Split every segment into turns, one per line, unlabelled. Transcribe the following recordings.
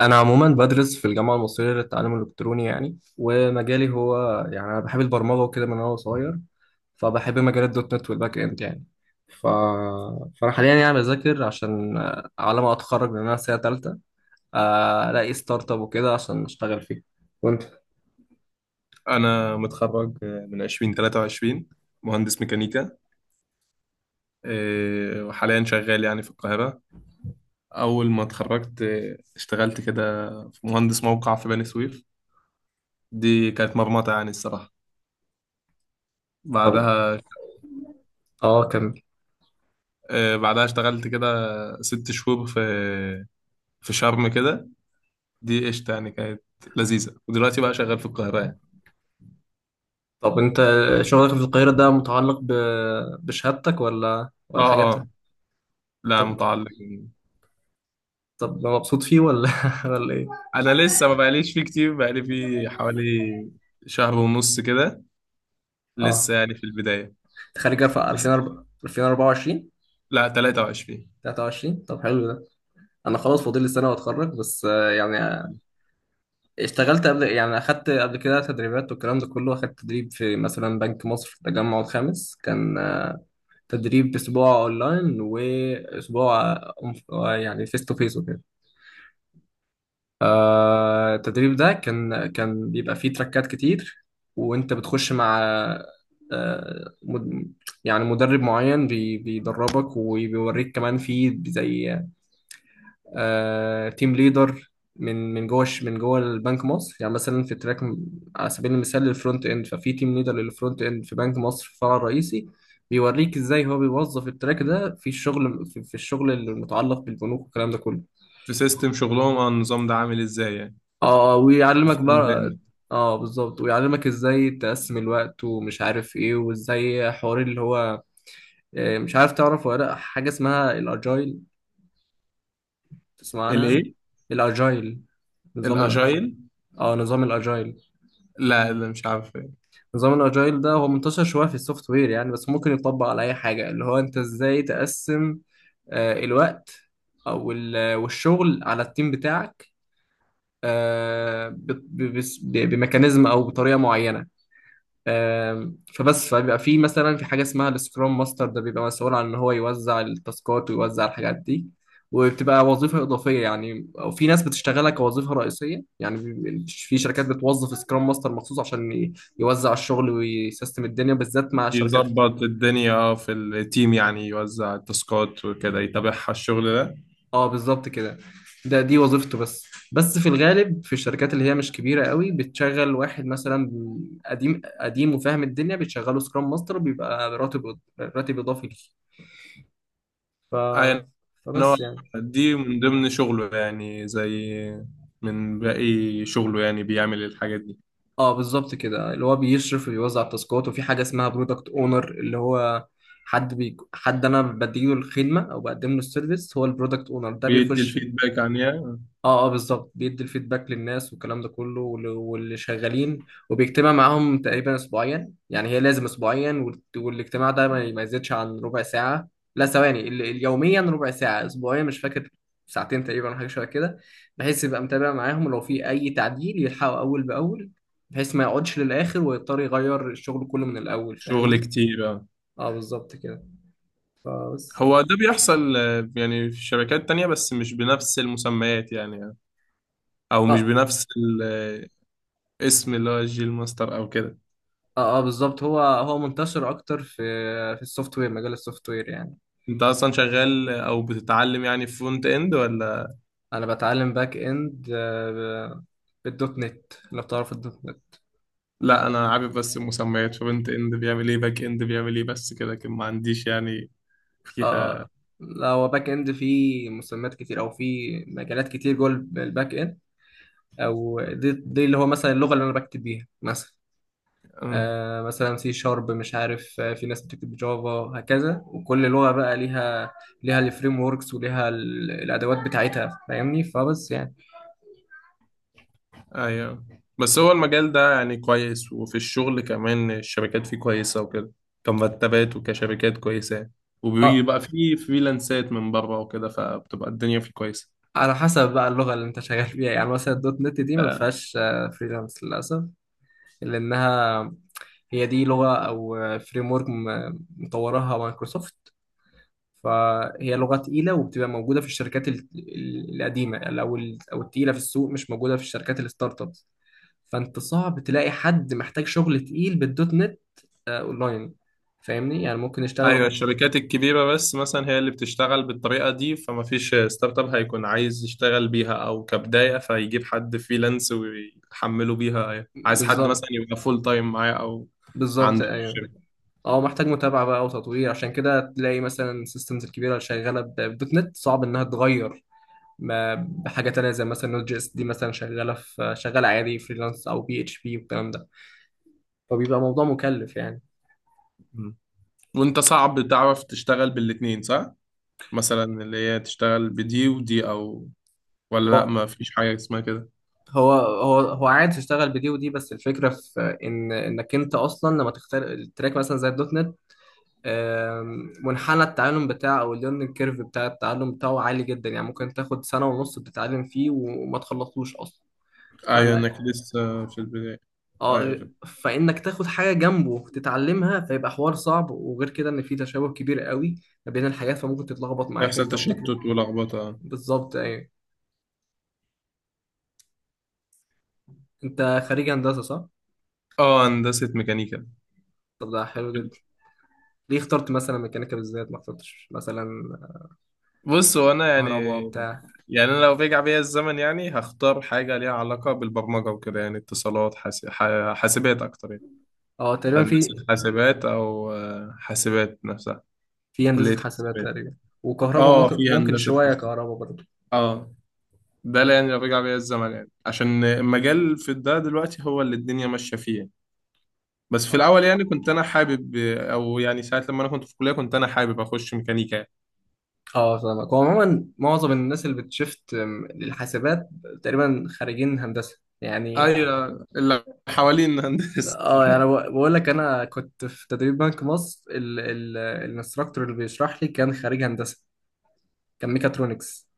أنا عموما بدرس في الجامعة المصرية للتعليم الإلكتروني، يعني ومجالي هو يعني أنا بحب البرمجة وكده من وأنا صغير. فبحب مجال الدوت نت والباك إند، يعني ف... فأنا حاليا يعني بذاكر عشان على ما أتخرج أنا سنة تالتة. ألاقي ستارت أب وكده عشان أشتغل فيه. وأنت؟
أنا متخرج من 2023، مهندس ميكانيكا. وحاليا شغال يعني في القاهرة. أول ما اتخرجت اشتغلت كده في مهندس موقع في بني سويف. دي كانت مرمطة يعني الصراحة.
طب
بعدها
كمل.
بعدها اشتغلت كده 6 شهور في شرم كده. دي قشطة يعني كانت لذيذة، ودلوقتي بقى شغال في القاهرة يعني.
طب أنت شغلك في القاهرة ده متعلق بشهادتك ولا
اه، اه،
حاجاتك؟
لا
طب
متعلق.
طب مبسوط فيه ولا ولا إيه؟
أنا لسه ما بقاليش فيه كتير، بقالي فيه حوالي شهر ونص كده،
أه،
لسه يعني في البداية.
أنت خارج في 2024؟
لا، 23.
23؟ طب حلو ده. انا خلاص فاضل لي سنه واتخرج، بس يعني اشتغلت قبل، يعني اخدت قبل كده تدريبات والكلام ده كله. اخدت تدريب في مثلا بنك مصر في التجمع الخامس، كان تدريب اسبوع اونلاين واسبوع يعني فيس تو فيس وكده. التدريب ده كان بيبقى فيه تراكات كتير. وانت بتخش مع آه، مد- يعني مدرب معين بيدربك وبيوريك كمان، في زي تيم ليدر من جوه من جوه البنك مصر، يعني مثلا في تراك على سبيل المثال للفرونت اند. ففي تيم ليدر للفرونت اند في بنك مصر في الفرع الرئيسي، بيوريك ازاي هو بيوظف التراك ده في الشغل، في الشغل المتعلق بالبنوك والكلام ده كله.
في سيستم شغلهم، اه، النظام ده عامل ازاي يعني
اه، ويعلمك
أفهم
بقى.
تاني.
اه بالظبط، ويعلمك ازاي تقسم الوقت ومش عارف ايه، وازاي حوار اللي هو مش عارف تعرف ولا لأ، حاجة اسمها الاجايل؟ تسمع عنها؟
الايه؟
الاجايل. نظام ال-
الاجايل؟
اه، نظام الاجايل.
لا لا، مش عارف إيه.
نظام الاجايل ده هو منتشر شويه في السوفت وير يعني، بس ممكن يطبق على اي حاجه. اللي هو انت ازاي تقسم الوقت والشغل على التيم بتاعك، آه، ب- بميكانيزم او بطريقه معينه. فبس، فبيبقى في مثلا في حاجه اسمها السكرام ماستر. ده بيبقى مسؤول عن ان هو يوزع التاسكات ويوزع الحاجات دي. وبتبقى وظيفه اضافيه يعني، او في ناس بتشتغلها كوظيفه رئيسيه، يعني في شركات بتوظف سكرام ماستر مخصوص عشان يوزع الشغل ويسيستم الدنيا، بالذات مع الشركات
يظبط الدنيا، اه، في التيم يعني يوزع التاسكات وكده، يتابعها الشغل ده.
اه بالظبط كده. ده دي وظيفته بس. بس في الغالب، في الشركات اللي هي مش كبيره قوي، بتشغل واحد مثلا قديم قديم وفاهم الدنيا، بتشغله سكرام ماستر، بيبقى راتب اضافي ليه. ف...
آه، يعني هو
فبس يعني.
دي من ضمن شغله يعني، زي من باقي شغله يعني بيعمل الحاجات دي.
اه بالظبط كده، اللي هو بيشرف وبيوزع التاسكات. وفي حاجه اسمها برودكت اونر، اللي هو حد انا بديله الخدمه او بقدم له السيرفيس. هو البرودكت اونر ده
ويدي
بيخش.
الفيدباك عنها.
اه اه بالظبط، بيدي الفيدباك للناس والكلام ده كله. واللي شغالين، وبيجتمع معاهم تقريبا اسبوعيا، يعني هي لازم اسبوعيا. والاجتماع ده ما يزيدش عن ربع ساعة. لا، ثواني، يوميا ربع ساعة، اسبوعيا مش فاكر، ساعتين تقريبا، حاجة شوية كده. بحيث يبقى متابع معاهم لو في اي تعديل يلحقه اول باول، بحيث ما يقعدش للاخر ويضطر يغير الشغل كله من الاول،
شغل
فاهمني؟
كتير.
اه بالظبط كده. فبس.
هو ده بيحصل، يعني في شركات تانية، بس مش بنفس المسميات يعني، او مش
اه
بنفس الاسم اللي هو الجيل ماستر او كده.
اه اه بالظبط. هو منتشر اكتر في السوفت وير، مجال السوفت وير يعني.
انت اصلا شغال او بتتعلم يعني في فرونت اند ولا؟
انا بتعلم باك اند، بالدوت نت، لو تعرف الدوت نت.
لا، انا عارف بس المسميات، فرونت اند بيعمل ايه، باك اند بيعمل ايه، بس كده، لكن ما عنديش يعني
اه.
فيها.
لا، هو باك اند فيه مسميات كتير، او فيه مجالات كتير جوه الباك اند. او دي اللي هو مثلا اللغه اللي انا بكتب بيها، مثلا
أمم،
مثلا سي شارب، مش عارف، في ناس بتكتب جافا هكذا. وكل لغه بقى ليها الفريم وركس وليها الادوات بتاعتها، فاهمني. فبس يعني.
ايوه. بس هو المجال ده يعني كويس، وفي الشغل كمان الشبكات فيه كويسة وكده، كمرتبات وكشبكات كويسة،
اه،
وبيبقى فيه فريلانسات من بره وكده، فبتبقى الدنيا فيه كويسة.
على حسب بقى اللغه اللي انت شغال فيها يعني. مثلا الدوت نت دي ما
آه،
فيهاش فريلانس للاسف، لانها هي دي لغة أو فريم ورك مطورها مايكروسوفت. فهي لغة تقيلة، وبتبقى موجودة في الشركات القديمة أو أو التقيلة في السوق، مش موجودة في الشركات الستارت أبس. فأنت صعب تلاقي حد محتاج شغل تقيل بالدوت نت أونلاين، فاهمني. يعني ممكن
ايوه،
يشتغلوا.
الشركات الكبيره بس مثلا هي اللي بتشتغل بالطريقه دي، فما فيش ستارت اب هيكون عايز يشتغل بيها، او كبدايه فيجيب حد فريلانس ويحمله بيها. أيوة. عايز حد
بالظبط
مثلا يبقى فول تايم معاه او
بالظبط
عنده في
أيوه.
الشركه.
أه، محتاج متابعة بقى وتطوير، عشان كده تلاقي مثلا السيستمز الكبيرة اللي شغالة بالدوت نت صعب إنها تغير ما بحاجه تانية، زي مثلا نوت جي اس دي مثلا، شغاله في شغاله عادي فريلانس او بي اتش بي والكلام ده. فبيبقى موضوع مكلف يعني.
مم. وانت صعب تعرف تشتغل بالاتنين صح؟ مثلا اللي هي تشتغل بدي ودي، او ولا لا،
هو
ما فيش حاجه اسمها كده؟
هو عادي تشتغل بدي ودي، بس الفكره في ان انك انت اصلا لما تختار التراك، مثلا زي الدوت نت، منحنى التعلم بتاعه او الليرنينج كيرف بتاع التعلم بتاعه عالي جدا. يعني ممكن تاخد سنه ونص بتتعلم فيه وما تخلصوش
ايوه،
اصلا.
انك لسه في البدايه.
اه،
ايوه،
فانك تاخد حاجه جنبه تتعلمها فيبقى حوار صعب. وغير كده ان في تشابه كبير قوي ما بين الحاجات، فممكن تتلخبط معاك
يحصل
انت
تشتت
وبتكتب.
ولخبطه.
بالظبط ايوه. انت خريج هندسه، صح؟
اه، هندسه ميكانيكا.
طب ده حلو جدا. ليه اخترت مثلا ميكانيكا بالذات، ما اخترتش مثلا
بص هو انا يعني،
كهرباء بتاع؟
يعني انا لو رجع بيا الزمن يعني هختار حاجه ليها علاقه بالبرمجه وكده يعني، اتصالات، حاسب، حاسبات اكتر يعني.
اه، تقريبا
هندسه
في
حاسبات او حاسبات نفسها،
في
كليه
هندسه حاسبات
حاسبات.
تقريبا، وكهرباء
اه،
ممكن
في هندسه
شويه
حاسبات.
كهرباء برضه.
اه، ده اللي يعني لو رجع بيا الزمن يعني، عشان المجال في ده دلوقتي هو اللي الدنيا ماشيه فيه يعني. بس في
اه
الاول يعني كنت انا حابب، او يعني ساعه لما انا كنت في الكليه كنت انا حابب اخش ميكانيكا يعني.
فاهمك. هو عموما معظم الناس اللي بتشفت للحاسبات تقريبا خارجين هندسه يعني.
ايوه، اللي حوالين هندسه.
اه، يعني بقول لك، انا كنت في تدريب بنك مصر، ال ال الانستراكتور اللي بيشرح لي كان خريج هندسه، كان ميكاترونكس.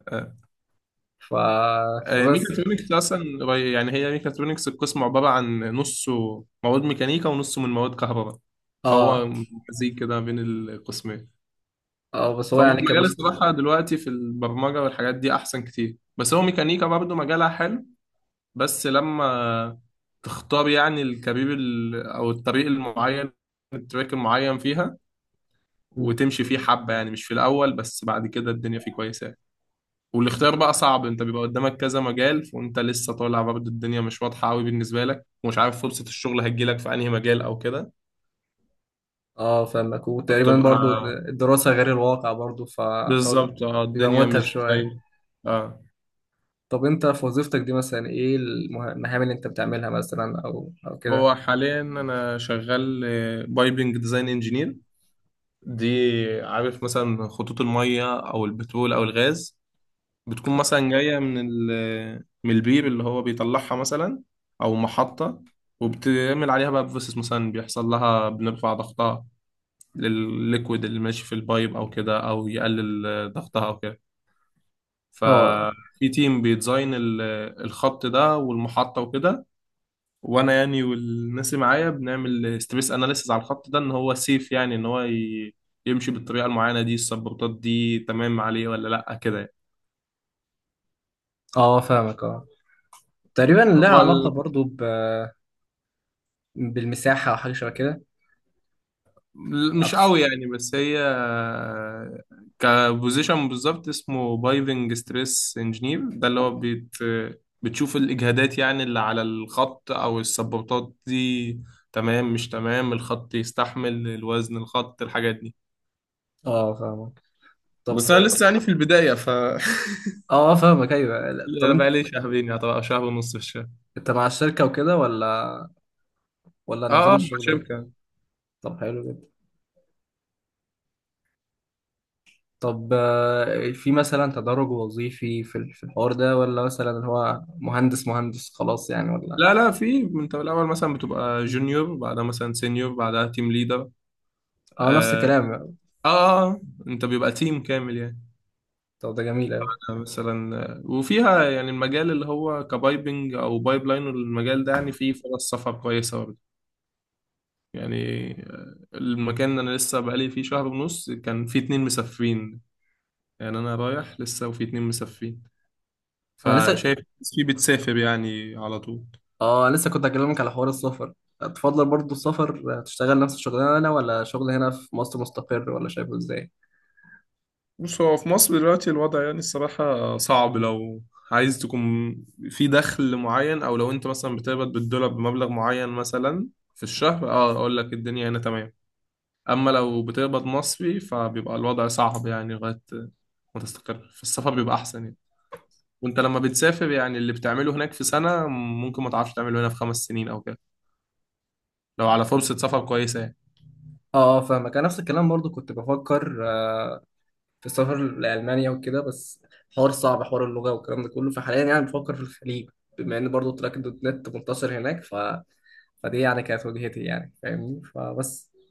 ف فبس.
ميكاترونكس اصلا يعني هي ميكاترونكس، القسم عباره عن نصه مواد ميكانيكا ونصه من مواد كهرباء، فهو
اه
مزيج كده بين القسمين.
اه، بس هو
فهو
يعني كان
المجال الصراحه دلوقتي في البرمجه والحاجات دي احسن كتير، بس هو ميكانيكا برضه مجالها حلو. بس لما تختار يعني الكارير او الطريق المعين، التراك المعين فيها،
مم.
وتمشي فيه حبه يعني، مش في الاول بس، بعد كده الدنيا فيه كويسه. والاختيار بقى صعب، انت بيبقى قدامك كذا مجال، وانت لسه طالع برضه الدنيا مش واضحة قوي بالنسبة لك، ومش عارف فرصة الشغل هتجيلك في انهي مجال او كده،
اه، فاهمك. وتقريبا برضو
فبتبقى.
الدراسه غير الواقع برضو، فهو
بالظبط، اه،
بيبقى
الدنيا
متعب
مش
شويه.
زي. اه،
طب انت في وظيفتك دي مثلا، ايه المهام اللي انت بتعملها مثلا، او كده؟
هو حاليا انا شغال بايبنج ديزاين انجينير. دي عارف مثلا خطوط المية او البترول او الغاز، بتكون مثلا جاية من من البير اللي هو بيطلعها مثلا، او محطة، وبتعمل عليها بقى بروسيس مثلا بيحصل لها، بنرفع ضغطها للليكويد اللي ماشي في البايب او كده، او يقلل ضغطها او كده.
اه
ففي تيم بيديزاين الخط ده والمحطة وكده، وانا يعني والناس اللي معايا بنعمل ستريس اناليسيز على الخط ده، ان هو سيف يعني، ان هو يمشي بالطريقة المعينة دي، السبورتات دي تمام عليه ولا لا كده يعني.
اه فاهمك اه. تقريبا لها
هو
علاقه
ال
برضو بالمساحه او حاجه شبه كده.
مش
اقصى،
قوي يعني، بس هي كبوزيشن بالظبط، اسمه بايفنج ستريس انجينير، ده اللي هو بيت، بتشوف الاجهادات يعني اللي على الخط او السبورتات دي، تمام مش تمام، الخط يستحمل الوزن، الخط الحاجات دي.
اه فاهمك. طب.
بس انا لسه يعني في البدايه ف
اه فاهمك، ايوه. لا، طب
انا
انت
بقالي شهرين يعني، طبعا شهر ونص في الشهر.
انت مع الشركه وكده، ولا
اه،
نظام
اه، مع
الشغل ايه؟
شركه.
طب حلو جدا. طب في مثلا تدرج وظيفي في في الحوار ده، ولا مثلا هو مهندس مهندس خلاص يعني، ولا؟
لا لا، في، انت الاول مثلا بتبقى جونيور، بعدها مثلا سينيور، بعدها تيم ليدر.
اه، نفس الكلام.
اه، انت بيبقى تيم كامل يعني.
طب ده جميل اوي.
مثلا، وفيها يعني المجال اللي هو كبايبنج او بايب لاين، المجال ده يعني فيه فرص سفر كويسه برضه يعني. المكان اللي انا لسه بقالي فيه شهر ونص، كان فيه 2 مسافرين يعني، انا رايح لسه وفيه 2 مسافرين،
انا لسه
فشايف ناس فيه بتسافر يعني على طول.
اه لسه كنت اكلمك على حوار السفر. تفضل. برضو السفر، تشتغل نفس الشغلانه هنا، ولا شغل هنا في مصر مستقر، ولا شايفه ازاي؟
بص، هو في مصر دلوقتي الوضع يعني الصراحة صعب، لو عايز تكون في دخل معين، أو لو أنت مثلا بتقبض بالدولار بمبلغ معين مثلا في الشهر، أقول لك الدنيا هنا تمام. أما لو بتقبض مصري فبيبقى الوضع صعب يعني، لغاية ما تستقر في السفر بيبقى أحسن يعني. وأنت لما بتسافر يعني اللي بتعمله هناك في سنة ممكن ما تعرفش تعمله هنا في 5 سنين أو كده، لو على فرصة سفر كويسة يعني.
اه فاهمك. انا نفس الكلام، برضو كنت بفكر في السفر لألمانيا وكده، بس حوار صعب، حوار اللغة والكلام ده كله. فحاليا يعني بفكر في الخليج، بما إن برضه تراك دوت نت منتشر هناك. فدي يعني كانت وجهتي، يعني فاهمني فبس.